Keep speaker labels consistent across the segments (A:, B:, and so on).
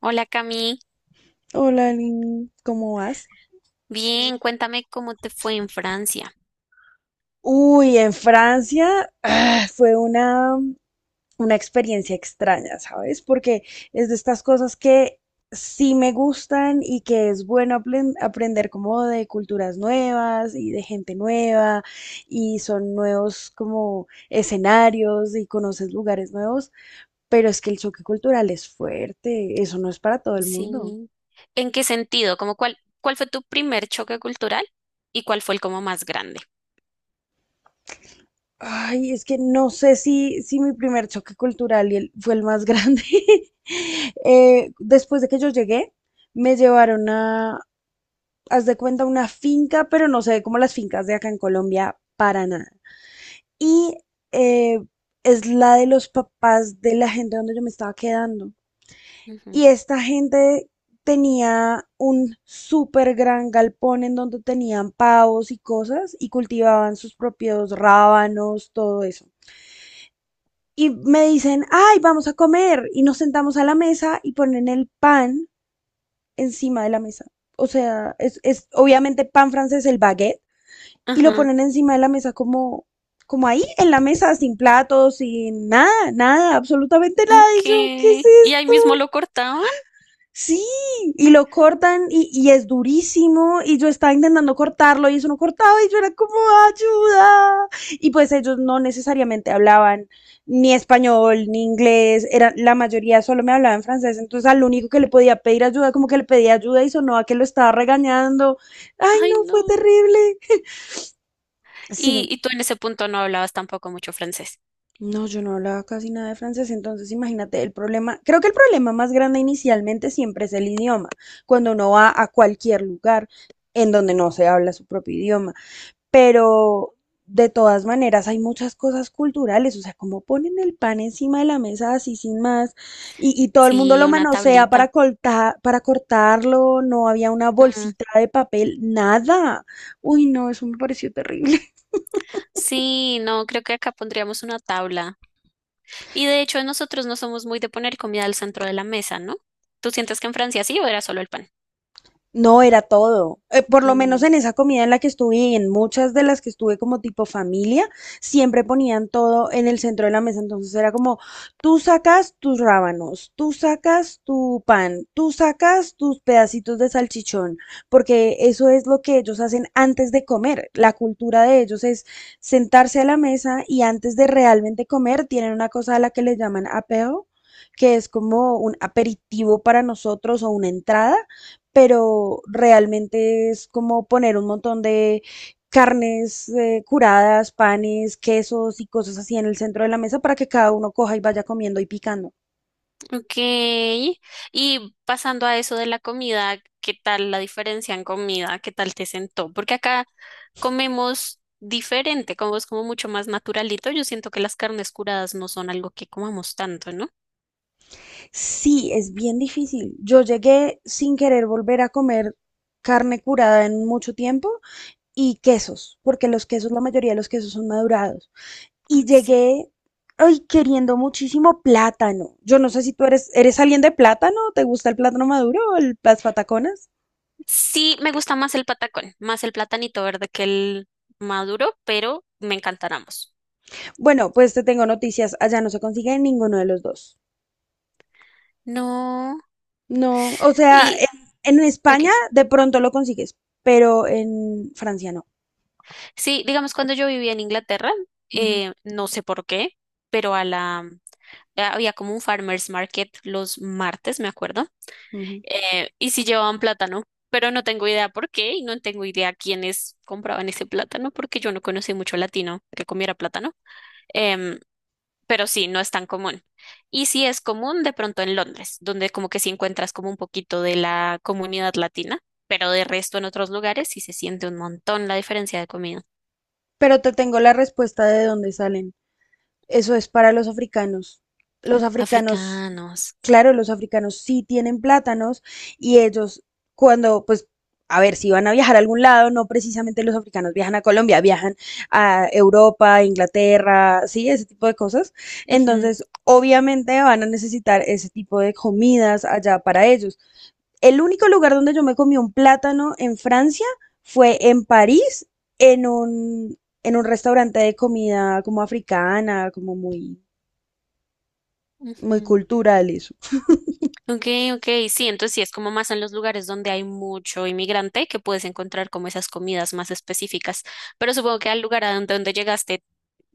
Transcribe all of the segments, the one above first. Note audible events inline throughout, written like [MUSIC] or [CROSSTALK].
A: Hola Cami,
B: Hola, Lin, ¿cómo vas?
A: bien, cuéntame cómo te fue en Francia.
B: Uy, en Francia fue una experiencia extraña, ¿sabes? Porque es de estas cosas que sí me gustan y que es bueno aprender como de culturas nuevas y de gente nueva y son nuevos como escenarios y conoces lugares nuevos, pero es que el choque cultural es fuerte, eso no es para todo el mundo.
A: Sí. ¿En qué sentido? ¿Como cuál fue tu primer choque cultural y cuál fue el como más grande?
B: Ay, es que no sé si mi primer choque cultural y fue el más grande. [LAUGHS] Después de que yo llegué, me llevaron a, haz de cuenta, una finca, pero no se ve como las fincas de acá en Colombia para nada. Y eh, es la de los papás de la gente donde yo me estaba quedando.
A: Ujú.
B: Y esta gente tenía un súper gran galpón en donde tenían pavos y cosas y cultivaban sus propios rábanos, todo eso. Y me dicen, ay, vamos a comer. Y nos sentamos a la mesa y ponen el pan encima de la mesa. O sea, es obviamente pan francés, el baguette, y lo
A: Ajá.
B: ponen encima de la mesa como ahí, en la mesa, sin platos, sin nada, nada, absolutamente nada. Y yo, ¿qué es?
A: Y ahí mismo lo cortaban.
B: Sí, y lo cortan y es durísimo y yo estaba intentando cortarlo y eso no cortaba y yo era como ayuda. Y pues ellos no necesariamente hablaban ni español ni inglés, era, la mayoría solo me hablaba en francés, entonces al único que le podía pedir ayuda, como que le pedía ayuda y sonó a que lo estaba regañando. Ay,
A: Ay,
B: no, fue
A: no.
B: terrible.
A: Y,
B: Sí.
A: y tú en ese punto no hablabas tampoco mucho francés.
B: No, yo no hablaba casi nada de francés, entonces imagínate el problema. Creo que el problema más grande inicialmente siempre es el idioma, cuando uno va a cualquier lugar en donde no se habla su propio idioma. Pero de todas maneras hay muchas cosas culturales, o sea, como ponen el pan encima de la mesa así sin más y todo el mundo
A: Sí,
B: lo
A: una
B: manosea para
A: tablita.
B: cortar, para cortarlo, no había una
A: Mm,
B: bolsita de papel, nada. Uy, no, eso me pareció terrible.
A: sí, no, creo que acá pondríamos una tabla. Y de hecho, nosotros no somos muy de poner comida al centro de la mesa, ¿no? ¿Tú sientes que en Francia sí o era solo el pan?
B: No, era todo. Por lo menos
A: Mm.
B: en esa comida en la que estuve y en muchas de las que estuve como tipo familia, siempre ponían todo en el centro de la mesa. Entonces era como, tú sacas tus rábanos, tú sacas tu pan, tú sacas tus pedacitos de salchichón, porque eso es lo que ellos hacen antes de comer. La cultura de ellos es sentarse a la mesa y antes de realmente comer tienen una cosa a la que le llaman apeo, que es como un aperitivo para nosotros o una entrada, pero realmente es como poner un montón de carnes curadas, panes, quesos y cosas así en el centro de la mesa para que cada uno coja y vaya comiendo y picando.
A: Ok. Y pasando a eso de la comida, ¿qué tal la diferencia en comida? ¿Qué tal te sentó? Porque acá comemos diferente, como es como mucho más naturalito. Yo siento que las carnes curadas no son algo que comamos tanto, ¿no?
B: Sí, es bien difícil. Yo llegué sin querer volver a comer carne curada en mucho tiempo y quesos, porque los quesos, la mayoría de los quesos son madurados.
A: Ah,
B: Y
A: sí.
B: llegué, ay, queriendo muchísimo plátano. Yo no sé si tú eres alguien de plátano, ¿te gusta el plátano maduro o las pataconas?
A: Sí, me gusta más el patacón, más el platanito verde que el maduro, pero me encantan ambos.
B: Bueno, pues te tengo noticias. Allá no se consigue ninguno de los dos.
A: No.
B: No, o sea,
A: Y,
B: en
A: ok.
B: España de pronto lo consigues, pero en Francia no.
A: Sí, digamos, cuando yo vivía en Inglaterra,
B: Ujú,
A: no sé por qué, pero a la ah, había como un farmers market los martes, me acuerdo,
B: ujú.
A: y sí llevaban plátano, pero no tengo idea por qué y no tengo idea quiénes compraban ese plátano porque yo no conocí mucho latino que comiera plátano, em, pero sí, no es tan común. Y sí es común de pronto en Londres, donde como que sí encuentras como un poquito de la comunidad latina, pero de resto en otros lugares sí se siente un montón la diferencia de comida.
B: Pero te tengo la respuesta de dónde salen. Eso es para los africanos. Los africanos,
A: Africanos.
B: claro, los africanos sí tienen plátanos y ellos cuando, pues, a ver, si van a viajar a algún lado, no precisamente los africanos viajan a Colombia, viajan a Europa, Inglaterra, sí, ese tipo de cosas.
A: Ujú,
B: Entonces, obviamente van a necesitar ese tipo de comidas allá para ellos. El único lugar donde yo me comí un plátano en Francia fue en París, en en un restaurante de comida como africana, como muy, muy
A: ujú.
B: cultural eso.
A: Ok, ok, sí, entonces sí es como más en los lugares donde hay mucho inmigrante que puedes encontrar como esas comidas más específicas, pero supongo que al lugar a donde llegaste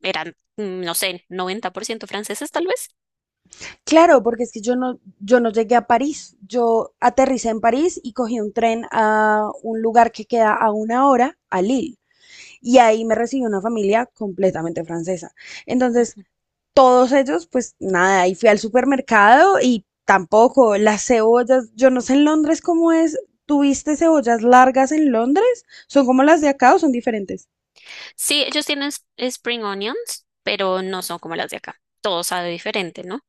A: eran, no sé, 90% franceses tal vez.
B: Claro, porque es que yo no, yo no llegué a París. Yo aterricé en París y cogí un tren a un lugar que queda a una hora, a Lille. Y ahí me recibió una familia completamente francesa. Entonces, todos ellos, pues nada, y fui al supermercado y tampoco las cebollas, yo no sé en Londres cómo es, ¿tuviste cebollas largas en Londres? ¿Son como las de acá o son diferentes?
A: Sí, ellos tienen spring onions, pero no son como las de acá. Todo sabe diferente, ¿no?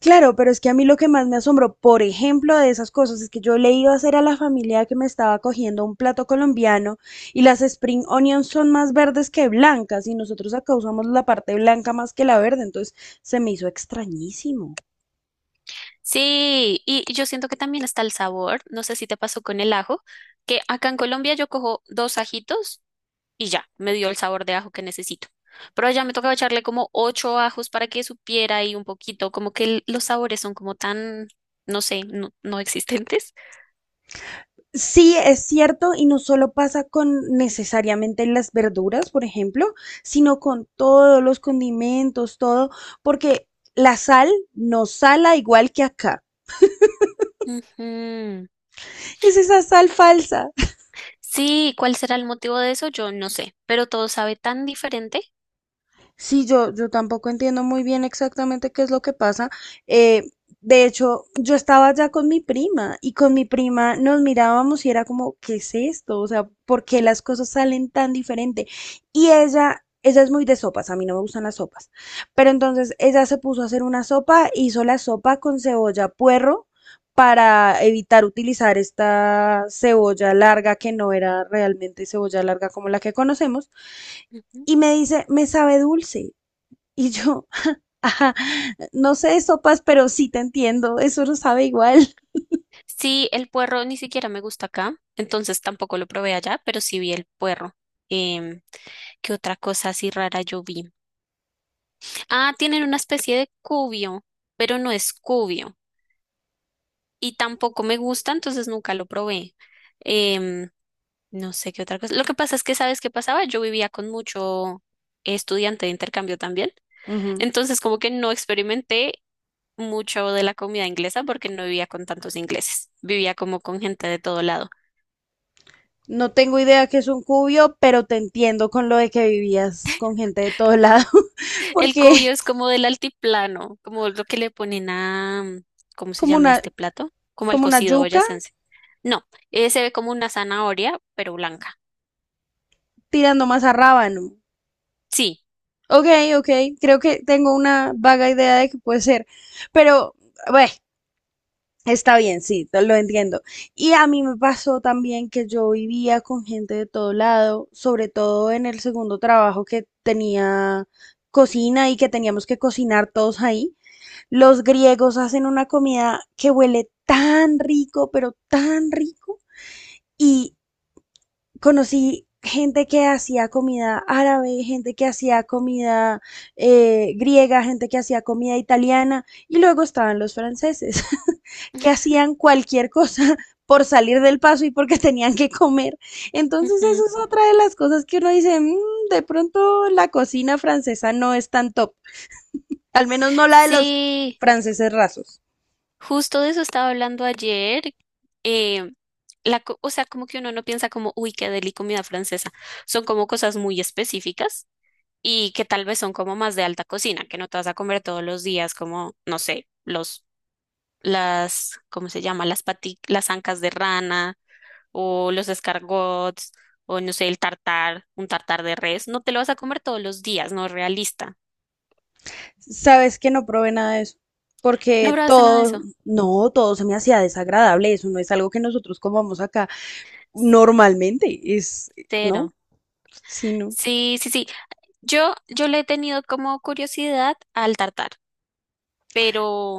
B: Claro, pero es que a mí lo que más me asombró, por ejemplo, de esas cosas, es que yo le iba a hacer a la familia que me estaba cogiendo un plato colombiano y las spring onions son más verdes que blancas y nosotros acá usamos la parte blanca más que la verde, entonces se me hizo extrañísimo.
A: Sí, y yo siento que también está el sabor, no sé si te pasó con el ajo, que acá en Colombia yo cojo dos ajitos y ya, me dio el sabor de ajo que necesito. Pero allá me tocaba echarle como ocho ajos para que supiera y un poquito, como que los sabores son como tan, no sé, no, no existentes.
B: Sí, es cierto, y no solo pasa con necesariamente las verduras, por ejemplo, sino con todos los condimentos, todo, porque la sal no sala igual que acá.
A: Ujú.
B: Es esa sal falsa.
A: Sí, ¿cuál será el motivo de eso? Yo no sé, pero todo sabe tan diferente.
B: Sí, yo tampoco entiendo muy bien exactamente qué es lo que pasa. Eh, de hecho, yo estaba ya con mi prima y con mi prima nos mirábamos y era como, ¿qué es esto? O sea, ¿por qué las cosas salen tan diferente? Y ella es muy de sopas, a mí no me gustan las sopas. Pero entonces ella se puso a hacer una sopa, hizo la sopa con cebolla puerro para evitar utilizar esta cebolla larga que no era realmente cebolla larga como la que conocemos.
A: Ujú.
B: Y me dice, me sabe dulce. Y yo, [LAUGHS] ajá, no sé, sopas, pero sí te entiendo, eso no sabe igual.
A: Sí, el puerro ni siquiera me gusta acá, entonces tampoco lo probé allá, pero sí vi el puerro. Em, ¿Qué otra cosa así rara yo vi? Ah, tienen una especie de cubio, pero no es cubio. Y tampoco me gusta, entonces nunca lo probé. Em, no sé qué otra cosa. Lo que pasa es que, ¿sabes qué pasaba? Yo vivía con mucho estudiante de intercambio también,
B: Ujú.
A: entonces como que no experimenté mucho de la comida inglesa porque no vivía con tantos ingleses, vivía como con gente de todo lado.
B: No tengo idea que es un cubio, pero te entiendo con lo de que vivías con gente de todo lado, [LAUGHS]
A: El
B: porque
A: cubio es como del altiplano, como lo que le ponen a, ¿cómo se
B: como
A: llama
B: una,
A: este plato? Como el
B: como una
A: cocido
B: yuca
A: boyacense. No, se ve como una zanahoria, pero blanca.
B: tirando más a rábano.
A: Sí.
B: Ok, ok, creo que tengo una vaga idea de que puede ser, pero, bueno, está bien, sí, te lo entiendo. Y a mí me pasó también que yo vivía con gente de todo lado, sobre todo en el segundo trabajo que tenía cocina y que teníamos que cocinar todos ahí. Los griegos hacen una comida que huele tan rico, pero tan rico. Y conocí gente que hacía comida árabe, gente que hacía comida griega, gente que hacía comida italiana y luego estaban los franceses que hacían cualquier cosa [LAUGHS] por salir del paso y porque [LAUGHS] tenían que comer. Entonces eso
A: Ujú.
B: es otra de las cosas que uno dice, "Mm, de pronto la cocina francesa no es tan top, al menos no la de los
A: Sí.
B: franceses rasos".
A: Justo de eso estaba hablando ayer. eh, o sea, como que uno no piensa como, uy, qué deli comida francesa. Son como cosas muy específicas y que tal vez son como más de alta cocina, que no te vas a comer todos los días, como, no sé, los, las, ¿cómo se llama? Las ancas de rana o los escargots o no sé, el tartar, un tartar de res. No te lo vas a comer todos los días, no es realista.
B: Sabes que no probé nada de eso,
A: No
B: porque
A: probaste nada de
B: todo,
A: eso.
B: no, todo se me hacía desagradable, eso no es algo que nosotros comamos acá normalmente, es, no,
A: Cero.
B: sí, no.
A: Sí, sí, sí. Yo le he tenido como curiosidad al tartar, pero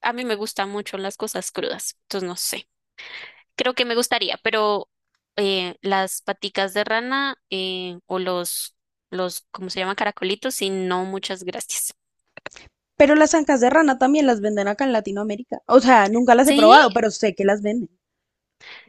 A: a mí me gustan mucho las cosas crudas, entonces no sé. Creo que me gustaría, pero las paticas de rana o los, ¿cómo se llaman? Caracolitos, y no, muchas gracias.
B: Pero las ancas de rana también las venden acá en Latinoamérica. O sea, nunca las he
A: ¿Sí?
B: probado, pero sé que las venden.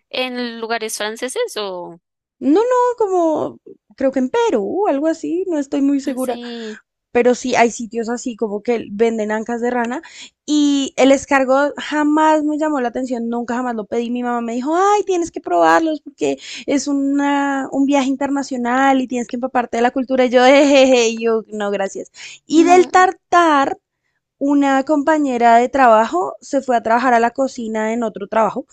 A: ¿En lugares franceses o...?
B: No, no, como creo que en Perú, algo así, no estoy muy
A: Ah,
B: segura,
A: sí.
B: pero sí hay sitios así como que venden ancas de rana y el escargot jamás me llamó la atención, nunca jamás lo pedí. Mi mamá me dijo, ay, tienes que probarlos porque es una, un viaje internacional y tienes que empaparte de la cultura. Y yo, jejeje, y yo, no, gracias. Y
A: No.
B: del tartar, una compañera de trabajo se fue a trabajar a la cocina en otro trabajo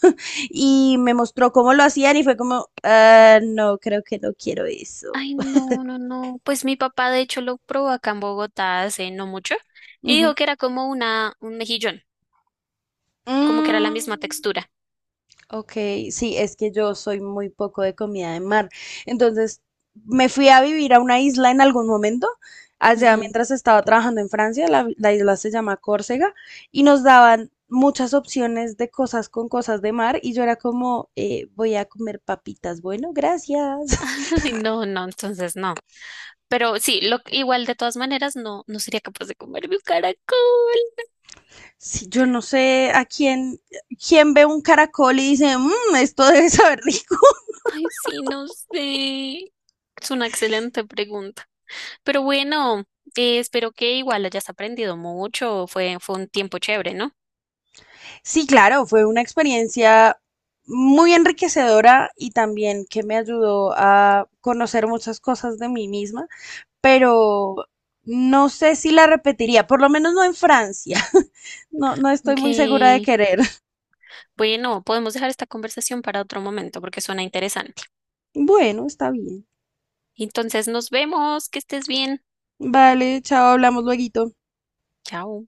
B: y me mostró cómo lo hacían y fue como, "Ah, no, creo que no quiero eso".
A: Ay, no, no, no. Pues mi papá de hecho lo probó acá en Bogotá hace no mucho y dijo
B: Ujú.
A: que era como un mejillón, como que era la misma
B: Mm,
A: textura.
B: ok, sí, es que yo soy muy poco de comida de mar. Entonces, me fui a vivir a una isla en algún momento, allá mientras estaba trabajando en Francia, la isla se llama Córcega, y nos daban muchas opciones de cosas con cosas de mar, y yo era como, voy a comer papitas, bueno, gracias".
A: Ay, no, no, entonces no. Pero sí, igual de todas maneras no, no sería capaz de comerme un caracol.
B: Sí, yo no sé a quién, quién ve un caracol y dice, "Mm, esto [LAUGHS] debe saber rico".
A: Ay, sí, no sé. Es una excelente pregunta. Pero bueno, espero que igual hayas aprendido mucho. Fue un tiempo chévere, ¿no?
B: Sí, claro, fue una experiencia muy enriquecedora y también que me ayudó a conocer muchas cosas de mí misma, pero no sé si la repetiría, por lo menos no en Francia. [LAUGHS] No, no estoy muy segura de
A: Aunque,
B: querer. [LAUGHS]
A: bueno, podemos dejar esta conversación para otro momento porque suena interesante.
B: Bueno, está bien.
A: Entonces, nos vemos. Que estés bien.
B: Vale, chao, hablamos luego.
A: Chao.